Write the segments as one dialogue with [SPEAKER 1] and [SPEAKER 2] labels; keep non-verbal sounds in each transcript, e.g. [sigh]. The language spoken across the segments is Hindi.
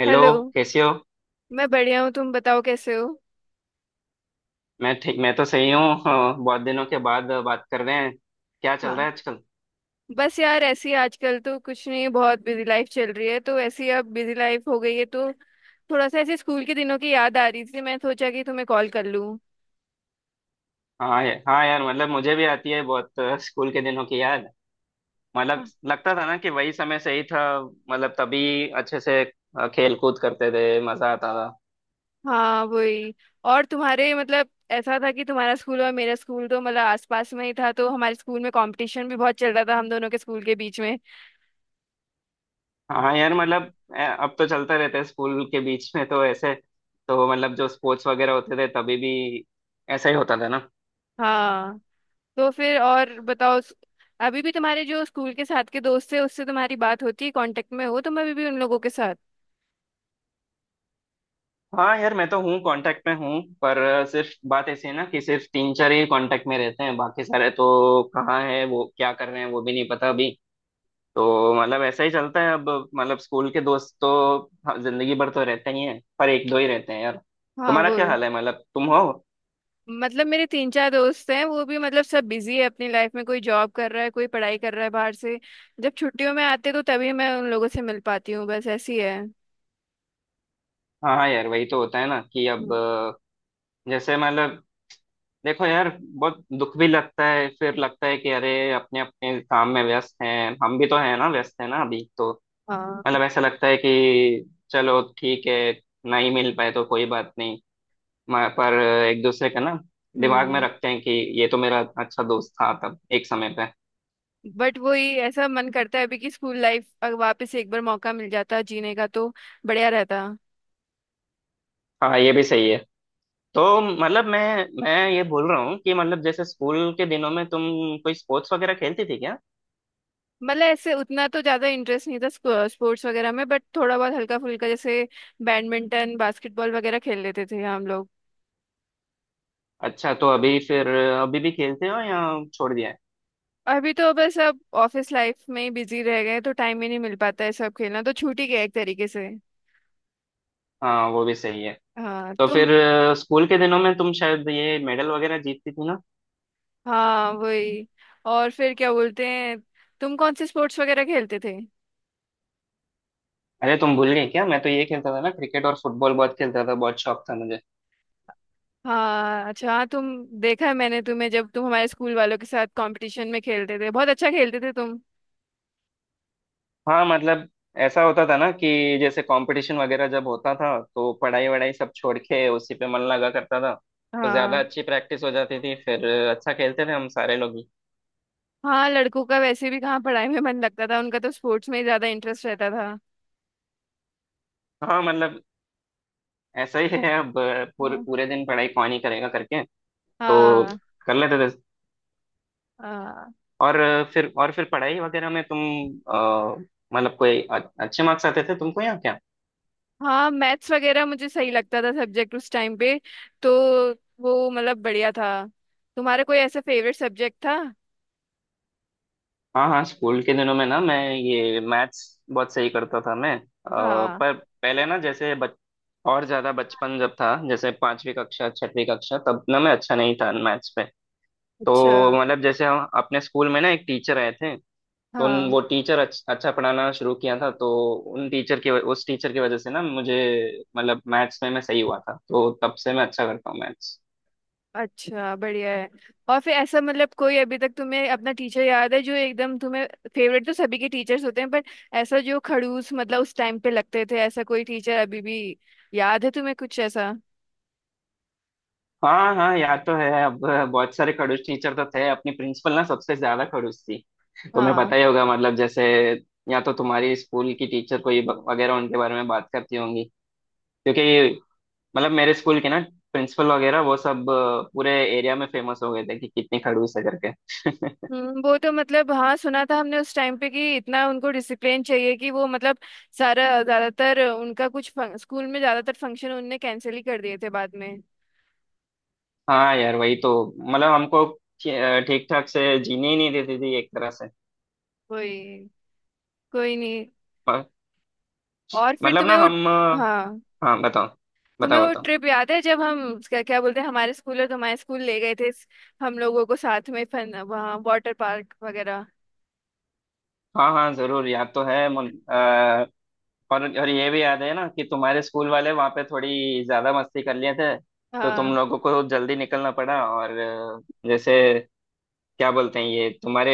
[SPEAKER 1] हेलो।
[SPEAKER 2] हेलो।
[SPEAKER 1] कैसे हो।
[SPEAKER 2] मैं बढ़िया हूँ, तुम बताओ कैसे हो?
[SPEAKER 1] मैं तो सही हूँ। हाँ, बहुत दिनों के बाद बात कर रहे हैं। क्या चल रहा
[SPEAKER 2] हाँ।
[SPEAKER 1] है आजकल?
[SPEAKER 2] बस यार ऐसी आजकल तो कुछ नहीं, बहुत बिजी लाइफ चल रही है तो ऐसी अब बिजी लाइफ हो गई है, तो थोड़ा सा ऐसे स्कूल के दिनों की याद आ रही थी, मैं सोचा कि तुम्हें कॉल कर लूँ।
[SPEAKER 1] हाँ, हाँ यार, मतलब मुझे भी आती है बहुत स्कूल के दिनों की याद। मतलब
[SPEAKER 2] हाँ।
[SPEAKER 1] लगता था ना कि वही समय सही था। मतलब तभी अच्छे से खेल कूद करते थे, मजा आता था।
[SPEAKER 2] हाँ, वही। और तुम्हारे मतलब ऐसा था कि तुम्हारा स्कूल और मेरा स्कूल तो मतलब आसपास में ही था, तो हमारे स्कूल में कंपटीशन भी बहुत चल रहा था हम दोनों के स्कूल के बीच में।
[SPEAKER 1] हाँ यार, मतलब अब तो चलते रहते हैं स्कूल के बीच में तो ऐसे। तो मतलब जो स्पोर्ट्स वगैरह होते थे तभी भी ऐसा ही होता था ना।
[SPEAKER 2] हाँ। तो फिर और बताओ अभी भी तुम्हारे जो स्कूल के साथ के दोस्त थे उससे तुम्हारी बात होती है, कांटेक्ट में हो तुम अभी भी उन लोगों के साथ?
[SPEAKER 1] हाँ यार, मैं तो हूँ, कांटेक्ट में हूँ, पर सिर्फ बात ऐसी है ना कि सिर्फ तीन चार ही कांटेक्ट में रहते हैं, बाकी सारे तो कहाँ है, वो क्या कर रहे हैं, वो भी नहीं पता अभी। तो मतलब ऐसा ही चलता है अब। मतलब स्कूल के दोस्त तो जिंदगी भर तो रहते ही हैं, पर एक दो ही रहते हैं यार।
[SPEAKER 2] हाँ
[SPEAKER 1] तुम्हारा
[SPEAKER 2] वो
[SPEAKER 1] क्या
[SPEAKER 2] है।
[SPEAKER 1] हाल है, मतलब तुम हो?
[SPEAKER 2] मतलब मेरे तीन चार दोस्त हैं, वो भी मतलब सब बिजी है अपनी लाइफ में, कोई जॉब कर रहा है कोई पढ़ाई कर रहा है बाहर से, जब छुट्टियों में आते तो तभी मैं उन लोगों से मिल पाती हूँ, बस ऐसी है।
[SPEAKER 1] हाँ हाँ यार, वही तो होता है ना कि अब
[SPEAKER 2] हम्म।
[SPEAKER 1] जैसे मतलब देखो यार, बहुत दुख भी लगता है, फिर लगता है कि अरे अपने अपने काम में व्यस्त हैं, हम भी तो हैं ना, व्यस्त हैं ना अभी तो।
[SPEAKER 2] हाँ,
[SPEAKER 1] मतलब ऐसा लगता है कि चलो ठीक है, नहीं मिल पाए तो कोई बात नहीं। पर एक दूसरे का ना दिमाग में
[SPEAKER 2] हम्म।
[SPEAKER 1] रखते हैं कि ये तो मेरा अच्छा दोस्त था तब, एक समय पे।
[SPEAKER 2] बट वही ऐसा मन करता है अभी कि स्कूल लाइफ अगर वापस एक बार मौका मिल जाता जीने का तो बढ़िया रहता।
[SPEAKER 1] हाँ, ये भी सही है। तो मतलब मैं ये बोल रहा हूँ कि मतलब जैसे स्कूल के दिनों में तुम कोई स्पोर्ट्स वगैरह खेलती थी क्या?
[SPEAKER 2] मतलब ऐसे उतना तो ज्यादा इंटरेस्ट नहीं था स्पोर्ट्स वगैरह में, बट थोड़ा बहुत हल्का फुल्का जैसे बैडमिंटन बास्केटबॉल वगैरह खेल लेते थे हम लोग।
[SPEAKER 1] अच्छा, तो अभी फिर अभी भी खेलते हो या छोड़ दिया है?
[SPEAKER 2] अभी तो बस अब ऑफिस लाइफ में ही बिजी रह गए तो टाइम ही नहीं मिल पाता है, सब खेलना तो छूट ही गया एक तरीके से।
[SPEAKER 1] हाँ, वो भी सही है।
[SPEAKER 2] हाँ,
[SPEAKER 1] तो
[SPEAKER 2] तुम।
[SPEAKER 1] फिर स्कूल के दिनों में तुम शायद ये मेडल वगैरह जीतती थी ना।
[SPEAKER 2] हाँ, वही। और फिर क्या बोलते हैं, तुम कौन से स्पोर्ट्स वगैरह खेलते थे?
[SPEAKER 1] अरे तुम भूल गए क्या? मैं तो ये खेलता था ना, क्रिकेट और फुटबॉल बहुत खेलता था, बहुत शौक था मुझे।
[SPEAKER 2] हाँ, अच्छा। हाँ, तुम। देखा है मैंने तुम्हें, जब तुम हमारे स्कूल वालों के साथ कंपटीशन में खेलते थे बहुत अच्छा खेलते थे तुम।
[SPEAKER 1] हाँ मतलब ऐसा होता था ना कि जैसे कंपटीशन वगैरह जब होता था तो पढ़ाई वढ़ाई सब छोड़ के उसी पे मन लगा करता था, तो ज्यादा
[SPEAKER 2] हाँ।
[SPEAKER 1] अच्छी प्रैक्टिस हो जाती थी फिर। अच्छा खेलते थे हम सारे लोग ही।
[SPEAKER 2] हाँ, लड़कों का वैसे भी कहाँ पढ़ाई में मन लगता था, उनका तो स्पोर्ट्स में ही ज्यादा इंटरेस्ट रहता था।
[SPEAKER 1] हाँ मतलब ऐसा ही है अब, पूरे
[SPEAKER 2] हाँ,
[SPEAKER 1] पूरे दिन पढ़ाई कौन ही करेगा करके। तो
[SPEAKER 2] हाँ।
[SPEAKER 1] कर लेते थे।
[SPEAKER 2] हाँ,
[SPEAKER 1] और फिर पढ़ाई वगैरह में तुम अ, मतलब कोई अच्छे मार्क्स आते थे तुमको, या क्या?
[SPEAKER 2] हाँ, मैथ्स वगैरह मुझे सही लगता था सब्जेक्ट उस टाइम पे, तो वो मतलब बढ़िया था। तुम्हारा कोई ऐसा फेवरेट सब्जेक्ट था?
[SPEAKER 1] हाँ हाँ, स्कूल के दिनों में ना मैं ये मैथ्स बहुत सही करता था मैं,
[SPEAKER 2] हाँ,
[SPEAKER 1] पर पहले ना जैसे और ज्यादा बचपन जब था, जैसे पांचवी कक्षा छठवीं कक्षा, तब ना मैं अच्छा नहीं था मैथ्स पे।
[SPEAKER 2] अच्छा।
[SPEAKER 1] तो मतलब जैसे हम अपने स्कूल में ना एक टीचर आए थे, तो उन
[SPEAKER 2] हाँ,
[SPEAKER 1] वो टीचर अच्छा पढ़ाना शुरू किया था, तो उन टीचर की वज- उस टीचर की वजह से ना मुझे मतलब मैथ्स में मैं सही हुआ था, तो तब से मैं अच्छा करता हूँ मैथ्स।
[SPEAKER 2] अच्छा, बढ़िया है। और फिर ऐसा मतलब कोई अभी तक तुम्हें अपना टीचर याद है जो एकदम तुम्हें फेवरेट, तो सभी के टीचर्स होते हैं बट ऐसा जो खड़ूस मतलब उस टाइम पे लगते थे, ऐसा कोई टीचर अभी भी याद है तुम्हें कुछ ऐसा?
[SPEAKER 1] हाँ हाँ, याद तो है अब, बहुत सारे खड़ूस टीचर तो थे, अपनी प्रिंसिपल ना सबसे ज्यादा खड़ूस थी। तुम्हें
[SPEAKER 2] हाँ।
[SPEAKER 1] पता ही होगा मतलब, जैसे या तो तुम्हारी स्कूल की टीचर कोई वगैरह उनके बारे में बात करती होंगी, क्योंकि मतलब मेरे स्कूल के ना प्रिंसिपल वगैरह वो सब पूरे एरिया में फेमस हो गए थे कि कितनी खड़ूस है करके।
[SPEAKER 2] हम्म, वो तो मतलब हाँ सुना था हमने उस टाइम पे कि इतना उनको डिसिप्लिन चाहिए कि वो मतलब सारा ज्यादातर उनका कुछ स्कूल में ज्यादातर फंक्शन उनने कैंसिल ही कर दिए थे बाद में।
[SPEAKER 1] हाँ यार वही तो, मतलब हमको ठीक ठाक से जीने ही नहीं देती थी एक तरह से।
[SPEAKER 2] कोई कोई नहीं।
[SPEAKER 1] पर-
[SPEAKER 2] और फिर
[SPEAKER 1] मतलब
[SPEAKER 2] तुम्हें
[SPEAKER 1] ना
[SPEAKER 2] वो,
[SPEAKER 1] हम,
[SPEAKER 2] हाँ
[SPEAKER 1] हाँ बताओ।
[SPEAKER 2] तुम्हें
[SPEAKER 1] बताओ
[SPEAKER 2] वो
[SPEAKER 1] बताओ।
[SPEAKER 2] ट्रिप याद है जब हम, क्या क्या बोलते हैं, हमारे स्कूल और तुम्हारे स्कूल ले गए थे हम लोगों को साथ में फन, वहाँ वाटर पार्क वगैरह?
[SPEAKER 1] हाँ हाँ, जरूर याद तो है, और ये भी याद है ना कि तुम्हारे स्कूल वाले वहां पे थोड़ी ज्यादा मस्ती कर लिए थे, तो तुम
[SPEAKER 2] हाँ।
[SPEAKER 1] लोगों को जल्दी निकलना पड़ा। और जैसे क्या बोलते हैं, ये तुम्हारे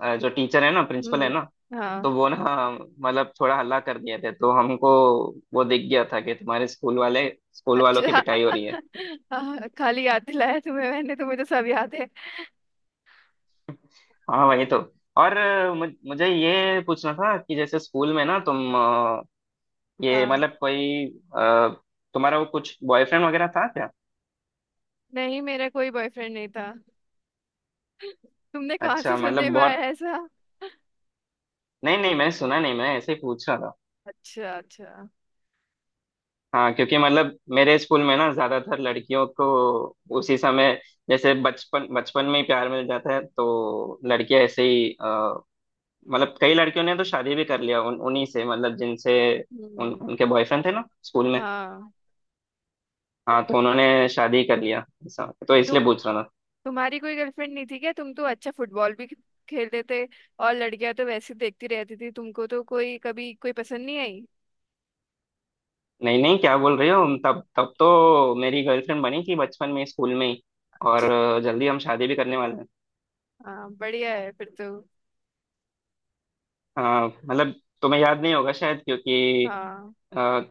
[SPEAKER 1] जो टीचर है ना, प्रिंसिपल है ना,
[SPEAKER 2] हम्म। हाँ,
[SPEAKER 1] तो वो ना मतलब थोड़ा हल्ला कर दिए थे, तो हमको वो दिख गया था कि तुम्हारे स्कूल वालों की
[SPEAKER 2] अच्छा।
[SPEAKER 1] पिटाई हो रही है।
[SPEAKER 2] [laughs] हाँ, खाली याद दिलाया तुम्हें, मैंने तुम्हें तो सब याद है।
[SPEAKER 1] हाँ वही तो। और मुझे ये पूछना था कि जैसे स्कूल में ना तुम ये
[SPEAKER 2] हाँ,
[SPEAKER 1] मतलब कोई अ, तुम्हारा वो कुछ बॉयफ्रेंड वगैरह था क्या?
[SPEAKER 2] नहीं मेरा कोई बॉयफ्रेंड नहीं था, तुमने कहाँ से
[SPEAKER 1] अच्छा मतलब
[SPEAKER 2] सुनने में आया
[SPEAKER 1] बहुत,
[SPEAKER 2] ऐसा?
[SPEAKER 1] नहीं नहीं, मैंने सुना नहीं, मैं ऐसे ही पूछा था।
[SPEAKER 2] अच्छा, अच्छा।
[SPEAKER 1] हाँ, क्योंकि मतलब मेरे स्कूल में ना ज्यादातर लड़कियों को उसी समय, जैसे बचपन बचपन में ही प्यार मिल जाता है तो लड़कियां ऐसे ही मतलब कई लड़कियों ने तो शादी भी कर लिया उन उन्हीं से, मतलब जिनसे उन
[SPEAKER 2] हम्म।
[SPEAKER 1] उनके बॉयफ्रेंड थे ना स्कूल में।
[SPEAKER 2] हाँ। तो,
[SPEAKER 1] हाँ,
[SPEAKER 2] तो,
[SPEAKER 1] तो उन्होंने शादी कर लिया ऐसा, तो
[SPEAKER 2] तुम
[SPEAKER 1] इसलिए पूछ रहा था।
[SPEAKER 2] तुम्हारी कोई गर्लफ्रेंड नहीं थी क्या? तुम तो अच्छा फुटबॉल भी खेलते थे, और लड़कियां तो वैसे देखती रहती थी तुमको, तो कोई कभी कोई पसंद नहीं आई?
[SPEAKER 1] नहीं नहीं, क्या बोल रही हो? तब तब तो मेरी गर्लफ्रेंड बनी थी बचपन में स्कूल में ही। और
[SPEAKER 2] अच्छा।
[SPEAKER 1] जल्दी हम शादी भी करने वाले हैं।
[SPEAKER 2] हाँ, बढ़िया है फिर तो।
[SPEAKER 1] हाँ मतलब तुम्हें याद नहीं होगा शायद, क्योंकि
[SPEAKER 2] हाँ,
[SPEAKER 1] अ,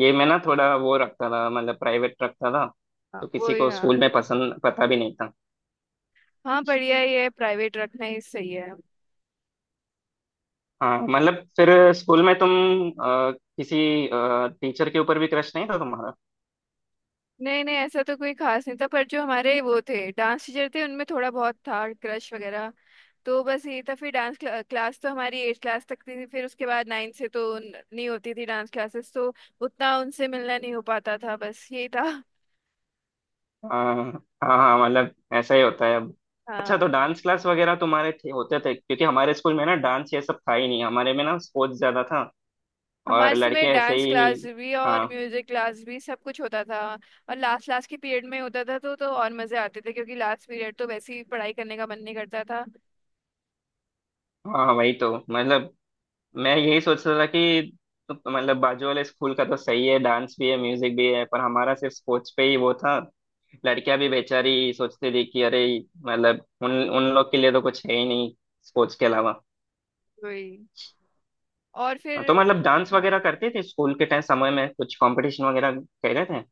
[SPEAKER 1] ये मैं ना थोड़ा वो रखता था, मतलब प्राइवेट रखता था,
[SPEAKER 2] हाँ,
[SPEAKER 1] तो
[SPEAKER 2] वो
[SPEAKER 1] किसी
[SPEAKER 2] ही,
[SPEAKER 1] को स्कूल
[SPEAKER 2] हाँ।
[SPEAKER 1] में पसंद पता भी नहीं था।
[SPEAKER 2] हाँ, बढ़िया ही है, प्राइवेट रखना ही सही है।
[SPEAKER 1] हाँ मतलब फिर स्कूल में तुम किसी टीचर के ऊपर भी क्रश नहीं था तुम्हारा?
[SPEAKER 2] नहीं, नहीं, ऐसा तो कोई खास नहीं था, पर जो हमारे वो थे डांस टीचर थे उनमें थोड़ा बहुत था क्रश वगैरह। तो बस ये था, फिर डांस क्लास तो हमारी एट क्लास तक थी, फिर उसके बाद नाइन से तो नहीं होती थी डांस क्लासेस, तो उतना उनसे मिलना नहीं हो पाता था, बस ये था।
[SPEAKER 1] अ, हाँ हाँ, मतलब ऐसा ही होता है अब। अच्छा, तो
[SPEAKER 2] हाँ।
[SPEAKER 1] डांस क्लास वगैरह तुम्हारे होते थे, क्योंकि हमारे स्कूल में ना डांस ये सब था ही नहीं, हमारे में ना स्पोर्ट्स ज्यादा था
[SPEAKER 2] हमारे
[SPEAKER 1] और
[SPEAKER 2] समय
[SPEAKER 1] लड़के ऐसे
[SPEAKER 2] डांस
[SPEAKER 1] ही।
[SPEAKER 2] क्लास भी और
[SPEAKER 1] हाँ
[SPEAKER 2] म्यूजिक क्लास भी सब कुछ होता था। और लास्ट लास्ट के पीरियड में होता था, तो और मजे आते थे क्योंकि लास्ट पीरियड तो वैसे ही पढ़ाई करने का मन नहीं करता था।
[SPEAKER 1] हाँ वही तो, मतलब मैं यही सोच रहा था कि तो मतलब बाजू वाले स्कूल का तो सही है, डांस भी है म्यूजिक भी है, पर हमारा सिर्फ स्पोर्ट्स पे ही वो था। लड़कियां भी बेचारी सोचती थी कि अरे, मतलब उन उन लोग के लिए तो कुछ है ही नहीं स्पोर्ट्स के अलावा।
[SPEAKER 2] वही। और फिर,
[SPEAKER 1] हाँ, तो मतलब डांस
[SPEAKER 2] हाँ,
[SPEAKER 1] वगैरह करते थे स्कूल के टाइम समय में, कुछ कंपटीशन वगैरह कह रहे थे।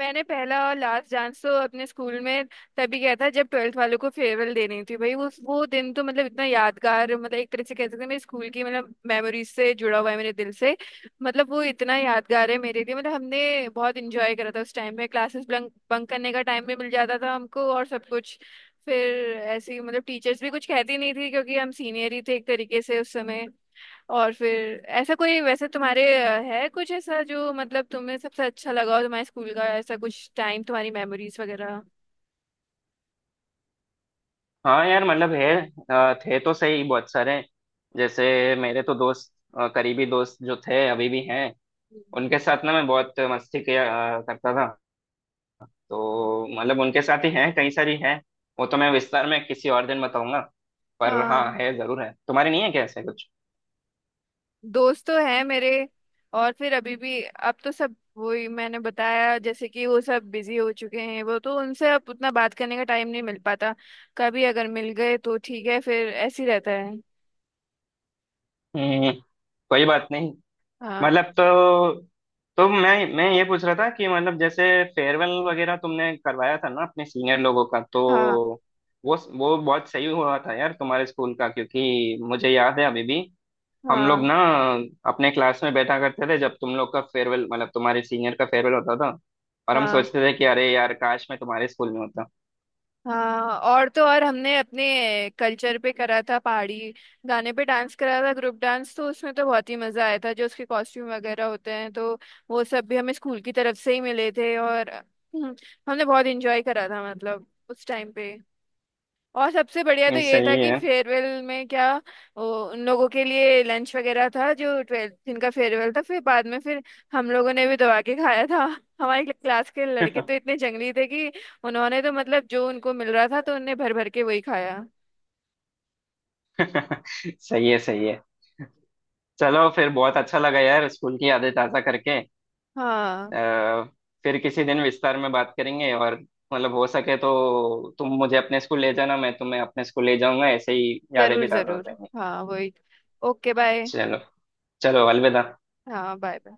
[SPEAKER 2] मैंने पहला और लास्ट डांस तो अपने स्कूल में तभी किया था जब ट्वेल्थ वालों को फेयरवेल देनी थी, भाई उस वो दिन तो मतलब इतना यादगार, मतलब एक तरह से कह सकते हैं मेरे स्कूल की मतलब मेमोरीज से जुड़ा हुआ है मेरे दिल से। मतलब वो इतना यादगार है मेरे लिए, मतलब हमने बहुत इंजॉय करा था उस टाइम में, क्लासेस बंक बंक करने का टाइम भी मिल जाता था हमको और सब कुछ। फिर ऐसी मतलब टीचर्स भी कुछ कहती नहीं थी क्योंकि हम सीनियर ही थे एक तरीके से उस समय। और फिर ऐसा कोई वैसे तुम्हारे है कुछ ऐसा जो मतलब तुम्हें सबसे अच्छा लगा हो तुम्हारे स्कूल का, ऐसा कुछ टाइम तुम्हारी मेमोरीज वगैरह?
[SPEAKER 1] हाँ यार मतलब है, थे तो सही बहुत सारे, जैसे मेरे तो दोस्त, करीबी दोस्त जो थे अभी भी हैं, उनके साथ ना मैं बहुत मस्ती किया, करता था, तो मतलब उनके साथ ही हैं, कई सारी हैं। वो तो मैं विस्तार में किसी और दिन बताऊंगा, पर हाँ
[SPEAKER 2] हाँ।
[SPEAKER 1] है जरूर, है तुम्हारे, नहीं है क्या ऐसा कुछ?
[SPEAKER 2] दोस्त तो हैं मेरे। और फिर अभी भी अब तो सब वही मैंने बताया जैसे कि वो सब बिजी हो चुके हैं, वो तो उनसे अब उतना बात करने का टाइम नहीं मिल पाता, कभी अगर मिल गए तो ठीक है फिर ऐसे ही रहता है।
[SPEAKER 1] हम्म, कोई बात नहीं। मतलब
[SPEAKER 2] हाँ,
[SPEAKER 1] तो, मैं ये पूछ रहा था कि मतलब जैसे फेयरवेल वगैरह तुमने करवाया था ना अपने सीनियर लोगों का, तो
[SPEAKER 2] हाँ,
[SPEAKER 1] वो बहुत सही हुआ था यार तुम्हारे स्कूल का, क्योंकि मुझे याद है अभी भी हम लोग
[SPEAKER 2] हाँ,
[SPEAKER 1] ना अपने क्लास में बैठा करते थे जब तुम लोग का फेयरवेल, मतलब तुम्हारे सीनियर का फेयरवेल होता था, और हम
[SPEAKER 2] हाँ,
[SPEAKER 1] सोचते थे कि अरे यार, काश मैं तुम्हारे स्कूल में होता।
[SPEAKER 2] हाँ। और तो और हमने अपने कल्चर पे करा था पहाड़ी गाने पे डांस करा था ग्रुप डांस, तो उसमें तो बहुत ही मजा आया था। जो उसके कॉस्ट्यूम वगैरह होते हैं तो वो सब भी हमें स्कूल की तरफ से ही मिले थे, और हमने बहुत एंजॉय करा था मतलब उस टाइम पे। और सबसे बढ़िया तो ये था
[SPEAKER 1] सही
[SPEAKER 2] कि
[SPEAKER 1] है।
[SPEAKER 2] फेयरवेल में क्या, वो, उन लोगों के लिए लंच वगैरह था जो ट्वेल्थ जिनका फेयरवेल था, फिर बाद में फिर हम लोगों ने भी दबा के खाया था। [laughs] हमारी क्लास के लड़के तो इतने जंगली थे कि उन्होंने तो मतलब जो उनको मिल रहा था तो उनने भर भर के वही खाया।
[SPEAKER 1] [laughs] सही है, सही है। चलो फिर, बहुत अच्छा लगा यार स्कूल की यादें ताज़ा करके।
[SPEAKER 2] हाँ,
[SPEAKER 1] आ, फिर किसी दिन विस्तार में बात करेंगे, और मतलब हो सके तो तुम मुझे अपने स्कूल ले जाना, मैं तुम्हें अपने स्कूल ले जाऊंगा, ऐसे ही यादें
[SPEAKER 2] जरूर,
[SPEAKER 1] भी ताज़ा हो
[SPEAKER 2] जरूर।
[SPEAKER 1] जाएंगी।
[SPEAKER 2] हाँ, वही। Okay, bye.
[SPEAKER 1] चलो। चलो, अलविदा।
[SPEAKER 2] हाँ, बाय।